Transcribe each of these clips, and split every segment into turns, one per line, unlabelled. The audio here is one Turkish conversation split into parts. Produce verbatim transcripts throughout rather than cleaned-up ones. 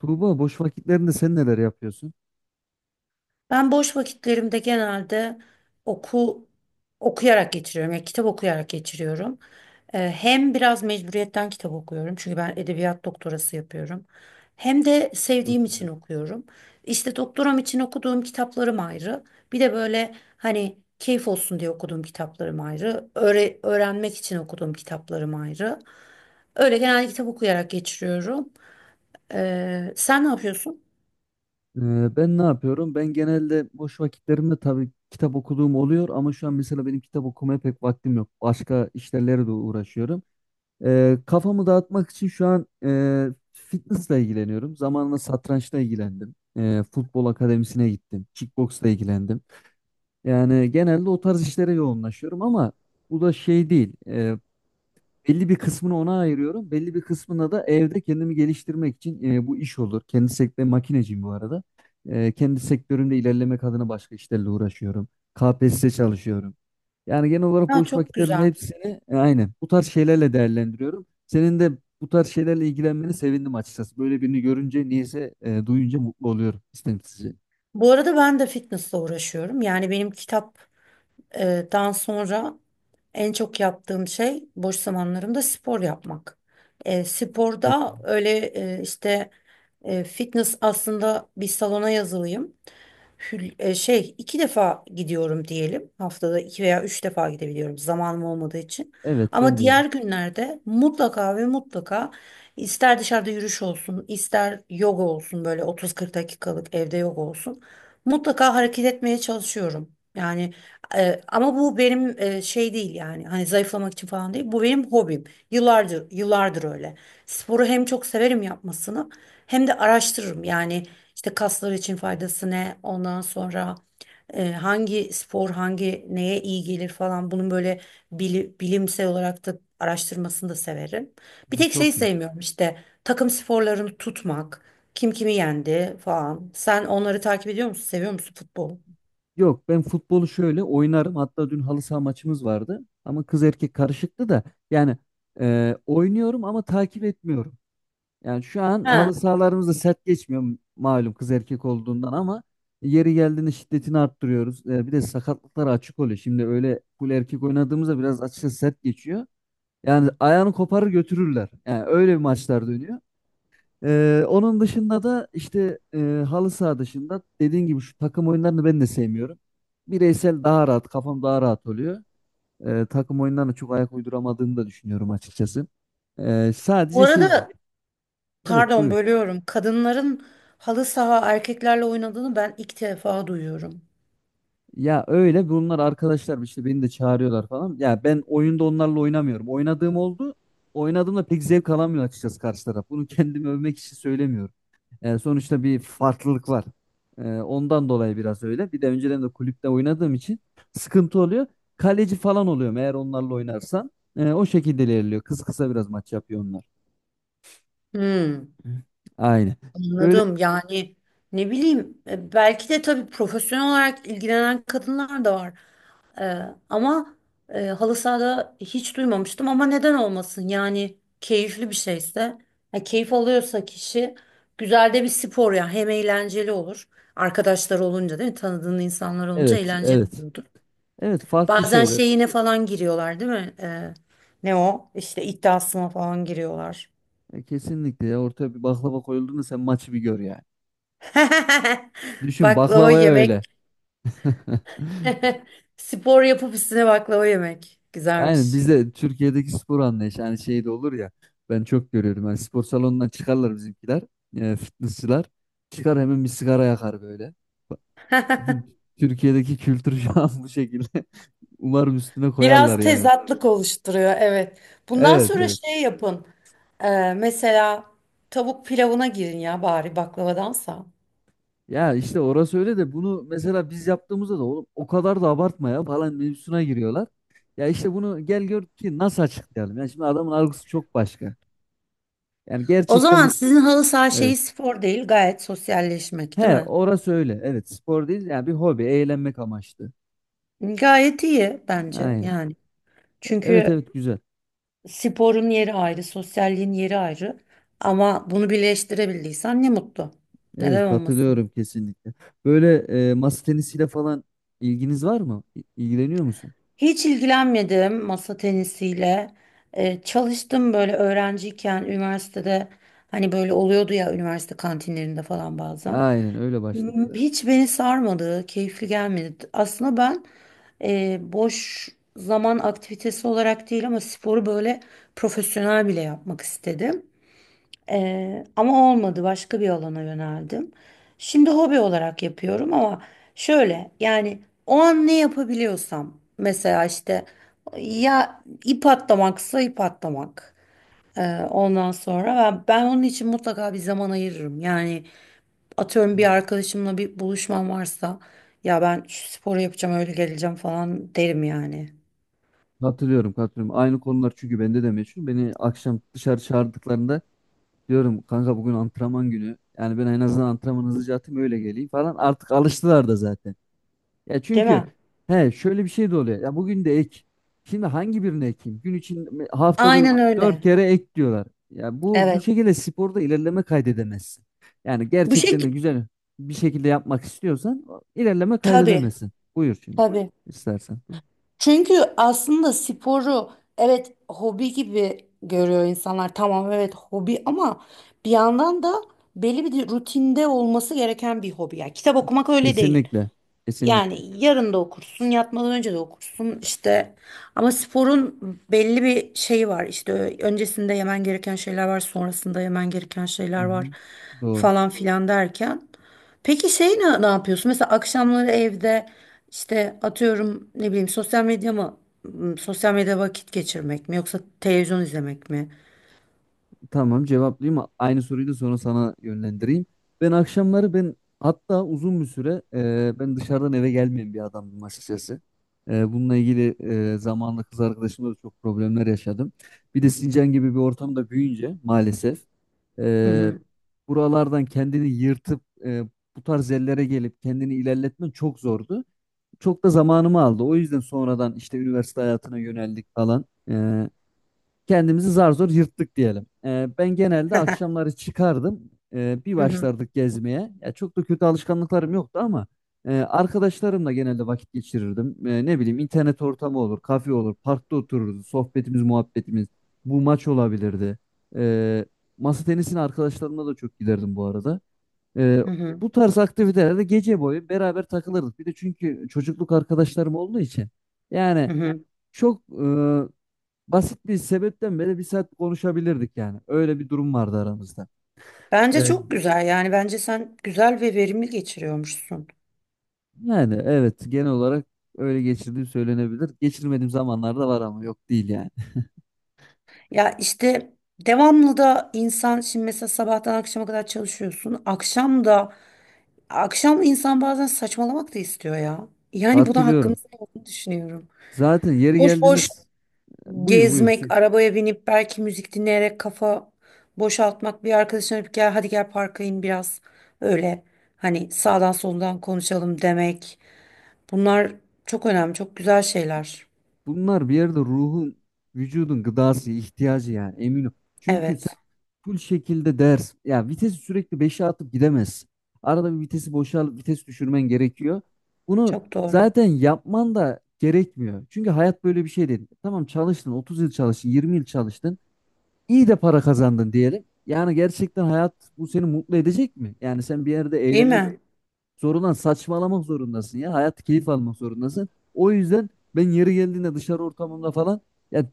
Tuğba, boş vakitlerinde sen neler yapıyorsun?
Ben boş vakitlerimde genelde oku okuyarak geçiriyorum. Yani kitap okuyarak geçiriyorum. Ee, hem biraz mecburiyetten kitap okuyorum. Çünkü ben edebiyat doktorası yapıyorum. Hem de
Çok
sevdiğim
güzel.
için okuyorum. İşte doktoram için okuduğum kitaplarım ayrı. Bir de böyle hani keyif olsun diye okuduğum kitaplarım ayrı. Öğre- öğrenmek için okuduğum kitaplarım ayrı. Öyle genelde kitap okuyarak geçiriyorum. Ee, sen ne yapıyorsun?
Ee, ben ne yapıyorum? Ben genelde boş vakitlerimde tabii kitap okuduğum oluyor ama şu an mesela benim kitap okumaya pek vaktim yok. Başka işlerle de uğraşıyorum. Ee, kafamı dağıtmak için şu an e, fitnessle ilgileniyorum. Zamanla satrançla ilgilendim. Ee, futbol akademisine gittim. Kickboxla ilgilendim. Yani genelde o tarz işlere yoğunlaşıyorum ama bu da şey değil. Ee, Belli bir kısmını ona ayırıyorum. Belli bir kısmına da evde kendimi geliştirmek için e, bu iş olur. Kendi sektörüm, makineciyim bu arada. E, kendi sektörümde ilerlemek adına başka işlerle uğraşıyorum. K P S S çalışıyorum. Yani genel olarak
Ha,
boş
çok
vakitlerin
güzel.
hepsini e, aynen bu tarz şeylerle değerlendiriyorum. Senin de bu tarz şeylerle ilgilenmeni sevindim açıkçası. Böyle birini görünce, niyeyse e, duyunca mutlu oluyorum istemsizce.
Bu arada ben de fitnessle uğraşıyorum. Yani benim kitaptan sonra en çok yaptığım şey boş zamanlarımda spor yapmak. E,
Çok,
sporda öyle e, işte e, fitness aslında bir salona yazılıyım hül- e, şey iki defa gidiyorum diyelim. Haftada iki veya üç defa gidebiliyorum zamanım olmadığı için.
evet
Ama
ben de öyle.
diğer günlerde mutlaka ve mutlaka ister dışarıda yürüyüş olsun, ister yoga olsun böyle otuz kırk dakikalık evde yoga olsun. Mutlaka hareket etmeye çalışıyorum. Yani e, ama bu benim e, şey değil yani hani zayıflamak için falan değil. Bu benim hobim. Yıllardır yıllardır öyle. Sporu hem çok severim yapmasını hem de araştırırım. Yani işte kaslar için faydası ne? Ondan sonra e, hangi spor hangi neye iyi gelir falan bunun böyle bili- bilimsel olarak da araştırmasını da severim. Bir tek
Çok.
şey sevmiyorum, işte takım sporlarını tutmak, kim kimi yendi falan. Sen onları takip ediyor musun? Seviyor musun futbolu?
Yok, ben futbolu şöyle oynarım. Hatta dün halı saha maçımız vardı. Ama kız erkek karışıktı da. Yani e, oynuyorum ama takip etmiyorum. Yani şu an
Ha,
halı sahalarımız da sert geçmiyor, malum kız erkek olduğundan, ama yeri geldiğinde şiddetini arttırıyoruz. E, bir de sakatlıklar açık oluyor. Şimdi öyle full erkek oynadığımızda biraz açıkçası sert geçiyor. Yani ayağını koparır götürürler. Yani öyle bir maçlar dönüyor. Ee, onun dışında da işte e, halı saha dışında dediğin gibi şu takım oyunlarını ben de sevmiyorum. Bireysel daha rahat, kafam daha rahat oluyor. Ee, takım oyunlarına çok ayak uyduramadığımı da düşünüyorum açıkçası. Ee,
bu
sadece şey,
arada
evet
pardon
buyur.
bölüyorum. Kadınların halı saha erkeklerle oynadığını ben ilk defa duyuyorum.
Ya öyle, bunlar arkadaşlar işte, beni de çağırıyorlar falan. Ya ben oyunda onlarla oynamıyorum. Oynadığım oldu. Oynadığımda pek zevk alamıyor açıkçası karşı taraf. Bunu kendimi övmek için söylemiyorum. E, sonuçta bir farklılık var. E, ondan dolayı biraz öyle. Bir de önceden de kulüpte oynadığım için sıkıntı oluyor. Kaleci falan oluyorum eğer onlarla oynarsan. E, o şekilde ilerliyor. Kısa kısa biraz maç yapıyor onlar.
Hmm.
Hı. Aynen. Böyle
Anladım. Yani ne bileyim e, belki de tabii profesyonel olarak ilgilenen kadınlar da var. E, Ama e, halı sahada hiç duymamıştım ama neden olmasın? Yani keyifli bir şeyse, ya keyif alıyorsa kişi, güzel de bir spor ya. Hem eğlenceli olur. Arkadaşlar olunca değil mi? Tanıdığın insanlar olunca
evet
eğlenceli
evet.
oluyordur.
Evet, farklı
Bazen
şeyler.
şeyine falan giriyorlar değil mi? E, ne o? İşte iddiasına falan giriyorlar.
E, kesinlikle ya, ortaya bir baklava koyulduğunda sen maçı bir gör yani. Düşün
Baklava
baklavaya
yemek.
öyle.
Spor yapıp üstüne baklava yemek.
Aynen,
Güzelmiş.
bizde Türkiye'deki spor anlayışı hani şey de olur ya, ben çok görüyorum yani, spor salonundan çıkarlar bizimkiler, e, fitnessçılar, çıkar hemen bir sigara yakar böyle. Bak, bizim Türkiye'deki kültür şu an bu şekilde. Umarım üstüne
Biraz
koyarlar yani.
tezatlık oluşturuyor, evet. Bundan
Evet
sonra
evet.
şey yapın. Ee, mesela tavuk pilavına girin ya bari baklavadansa.
Ya işte orası öyle de, bunu mesela biz yaptığımızda da oğlum o kadar da abartma ya falan mevzusuna giriyorlar. Ya işte bunu gel gör ki nasıl açıklayalım. Yani şimdi adamın algısı çok başka. Yani
O
gerçekten bu
zaman
s-
sizin halı saha
evet.
şeyi spor değil, gayet sosyalleşmek, değil
He
mi?
orası öyle. Evet, spor değil yani, bir hobi, eğlenmek amaçlı.
Gayet iyi bence
Aynen.
yani.
Evet
Çünkü
evet güzel.
sporun yeri ayrı, sosyalliğin yeri ayrı. Ama bunu birleştirebildiysen ne mutlu.
Evet,
Neden olmasın?
katılıyorum kesinlikle. Böyle e, masa tenisiyle falan ilginiz var mı? İ- İlgileniyor musun?
Hiç ilgilenmedim masa tenisiyle. Ee, çalıştım böyle öğrenciyken üniversitede, hani böyle oluyordu ya üniversite kantinlerinde falan bazen.
Aynen öyle başladık
M-
zaten.
Hiç beni sarmadı, keyifli gelmedi. Aslında ben e, boş zaman aktivitesi olarak değil ama sporu böyle profesyonel bile yapmak istedim. Ee, ama olmadı, başka bir alana yöneldim. Şimdi hobi olarak yapıyorum ama şöyle yani, o an ne yapabiliyorsam mesela işte ya ip atlamaksa ip atlamak. Ee, ondan sonra ben, ben onun için mutlaka bir zaman ayırırım. Yani atıyorum bir
Hmm.
arkadaşımla bir buluşmam varsa, ya ben şu sporu yapacağım öyle geleceğim falan derim yani.
Katılıyorum katılıyorum. Aynı konular çünkü bende de meşhur. Beni akşam dışarı çağırdıklarında diyorum kanka bugün antrenman günü. Yani ben en azından antrenmanı hızlıca atayım öyle geleyim falan. Artık alıştılar da zaten. Ya
Değil
çünkü
mi?
he şöyle bir şey de oluyor. Ya bugün de ek. Şimdi hangi birini ekeyim? Gün için haftada
Aynen
dört
öyle.
kere ek diyorlar. Ya bu bu
Evet.
şekilde sporda ilerleme kaydedemezsin. Yani
Bu
gerçekten de
şekilde
güzel bir şekilde yapmak istiyorsan o- ilerleme
tabii
kaydedemezsin. Buyur şimdi
tabii.
istersen.
Çünkü aslında sporu, evet, hobi gibi görüyor insanlar. Tamam, evet hobi ama bir yandan da belli bir rutinde olması gereken bir hobi. Yani kitap okumak öyle değil.
Kesinlikle.
Yani
Kesinlikle.
yarın da okursun, yatmadan önce de okursun işte. Ama sporun belli bir şeyi var. İşte ö- öncesinde yemen gereken şeyler var, sonrasında yemen gereken
Hı
şeyler var
hı. Doğru.
falan filan derken. Peki şey ne, ne yapıyorsun? Mesela akşamları evde işte atıyorum ne bileyim, sosyal medya mı? m, Sosyal medyada vakit geçirmek mi yoksa televizyon izlemek mi?
Tamam cevaplayayım. Aynı soruyu da sonra sana yönlendireyim. Ben akşamları ben hatta uzun bir süre e, ben dışarıdan eve gelmeyen bir adamdım açıkçası. E, bununla ilgili e, zamanla kız arkadaşımla da çok problemler yaşadım. Bir de Sincan gibi bir ortamda büyüyünce maalesef
Hı
e,
hı.
buralardan kendini yırtıp e, bu tarz yerlere gelip kendini ilerletmen çok zordu. Çok da zamanımı aldı. O yüzden sonradan işte üniversite hayatına yöneldik falan. E, Kendimizi zar zor yırttık diyelim. Ee, ben genelde akşamları çıkardım. Ee, bir
Hı hı.
başlardık gezmeye. Ya çok da kötü alışkanlıklarım yoktu ama e, arkadaşlarımla genelde vakit geçirirdim. Ee, ne bileyim, internet ortamı olur, kafe olur, parkta otururuz, sohbetimiz, muhabbetimiz. Bu maç olabilirdi. Ee, Masa tenisine arkadaşlarımla da çok giderdim bu arada. Ee,
Hı hı.
Bu tarz aktivitelerde gece boyu beraber takılırdık. Bir de çünkü çocukluk arkadaşlarım olduğu için yani
Hı hı.
çok e, basit bir sebepten beri bir saat konuşabilirdik yani. Öyle bir durum vardı aramızda.
Bence
Evet.
çok güzel yani, bence sen güzel ve verimli geçiriyormuşsun.
Yani evet, genel olarak öyle geçirdiğim söylenebilir. Geçirmediğim zamanlar da var ama yok değil yani.
Ya işte devamlı da insan, şimdi mesela sabahtan akşama kadar çalışıyorsun. Akşam da, akşam insan bazen saçmalamak da istiyor ya. Yani buna hakkımız
Hatırlıyorum.
olduğunu düşünüyorum.
Zaten yeri
Boş boş
geldiniz buyur
gezmek,
buyursun.
arabaya binip belki müzik dinleyerek kafa boşaltmak, bir arkadaşına bir gel hadi gel parka in biraz, öyle hani sağdan soldan konuşalım demek. Bunlar çok önemli, çok güzel şeyler.
Bunlar bir yerde ruhun, vücudun gıdası, ihtiyacı yani, eminim. Çünkü
Evet,
full şekilde ders. Ya vitesi sürekli beşe atıp gidemezsin. Arada bir vitesi boşal, vites düşürmen gerekiyor. Bunu
çok doğru.
zaten yapman da gerekmiyor. Çünkü hayat böyle bir şey değil. Tamam çalıştın otuz yıl, çalıştın yirmi yıl çalıştın. İyi de para kazandın diyelim. Yani gerçekten hayat bu, seni mutlu edecek mi? Yani sen bir yerde
Değil
eğlenmek
mi?
zorundan, saçmalamak zorundasın ya. Hayat, keyif almak zorundasın. O yüzden ben yeri geldiğinde dışarı ortamında falan ya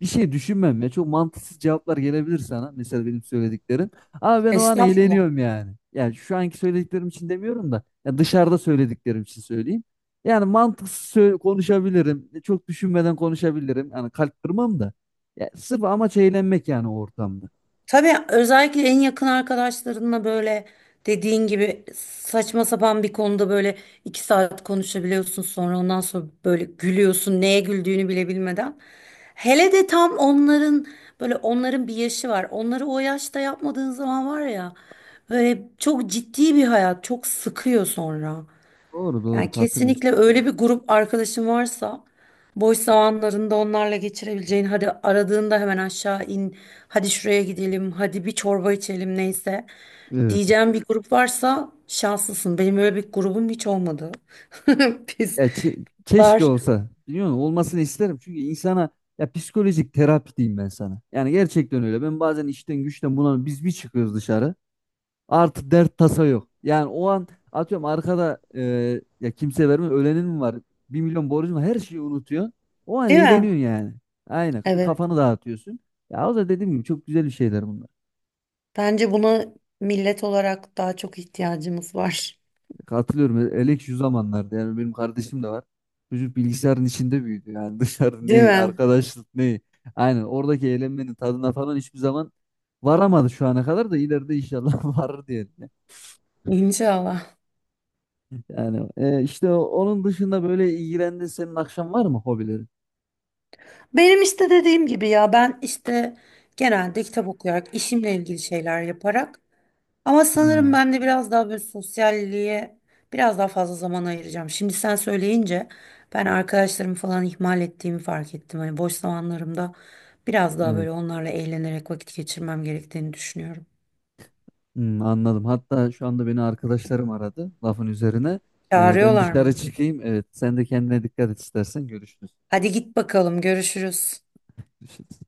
bir şey düşünmem ya. Çok mantıksız cevaplar gelebilir sana. Mesela benim söylediklerim. Ama ben o an
Estağfurullah.
eğleniyorum yani. Yani şu anki söylediklerim için demiyorum da, ya dışarıda söylediklerim için söyleyeyim. Yani mantıksız sö- konuşabilirim. E, Çok düşünmeden konuşabilirim. Yani kalp kırmam da. Ya sırf amaç eğlenmek yani o ortamda.
Tabii özellikle en yakın arkadaşlarınla böyle, dediğin gibi saçma sapan bir konuda böyle iki saat konuşabiliyorsun, sonra ondan sonra böyle gülüyorsun neye güldüğünü bile bilmeden. Hele de tam onların böyle, onların bir yaşı var. Onları o yaşta yapmadığın zaman var ya, böyle çok ciddi bir hayat çok sıkıyor sonra.
Doğru doğru
Yani
katılıyorum.
kesinlikle öyle bir grup arkadaşın varsa, boş zamanlarında onlarla geçirebileceğin, hadi aradığında hemen aşağı in, hadi şuraya gidelim, hadi bir çorba içelim neyse
Evet.
diyeceğim bir grup varsa şanslısın. Benim öyle bir grubum hiç olmadı. Biz
Ya çe- keşke
var
olsa. Biliyor musun? Olmasını isterim. Çünkü insana, ya psikolojik terapi diyeyim ben sana. Yani gerçekten öyle. Ben bazen işten güçten buna biz bir çıkıyoruz dışarı. Artık dert tasa yok. Yani o an atıyorum arkada e, ya kimse vermiyor. Ölenin mi var? Bir milyon borcun var. Her şeyi unutuyor. O an
değil mi?
eğleniyorsun yani. Aynen. Bir
Evet,
kafanı dağıtıyorsun. Ya o da dediğim gibi, çok güzel bir şeyler bunlar.
bence buna millet olarak daha çok ihtiyacımız var.
Katılıyorum. Elek şu zamanlarda yani, benim kardeşim de var. Çocuk bilgisayarın içinde büyüdü. Yani dışarı
Değil
ne,
mi?
arkadaşlık ne. Aynen, oradaki eğlenmenin tadına falan hiçbir zaman varamadı şu ana kadar da, ileride inşallah varır diyelim.
İnşallah.
Yani e, işte o- onun dışında böyle ilgilendiğin senin akşam var mı hobilerin?
Benim işte dediğim gibi ya, ben işte genelde kitap okuyarak, işimle ilgili şeyler yaparak. Ama sanırım
Hmm,
ben de biraz daha böyle sosyalliğe biraz daha fazla zaman ayıracağım. Şimdi sen söyleyince ben arkadaşlarımı falan ihmal ettiğimi fark ettim. Hani boş zamanlarımda biraz daha
evet.
böyle onlarla eğlenerek vakit geçirmem gerektiğini düşünüyorum.
Hmm, anladım. Hatta şu anda beni arkadaşlarım aradı lafın üzerine. E, ben
Çağırıyorlar
dışarı
mı?
çıkayım. Evet, sen de kendine dikkat et, istersen görüşürüz.
Hadi git bakalım, görüşürüz.
Görüşürüz.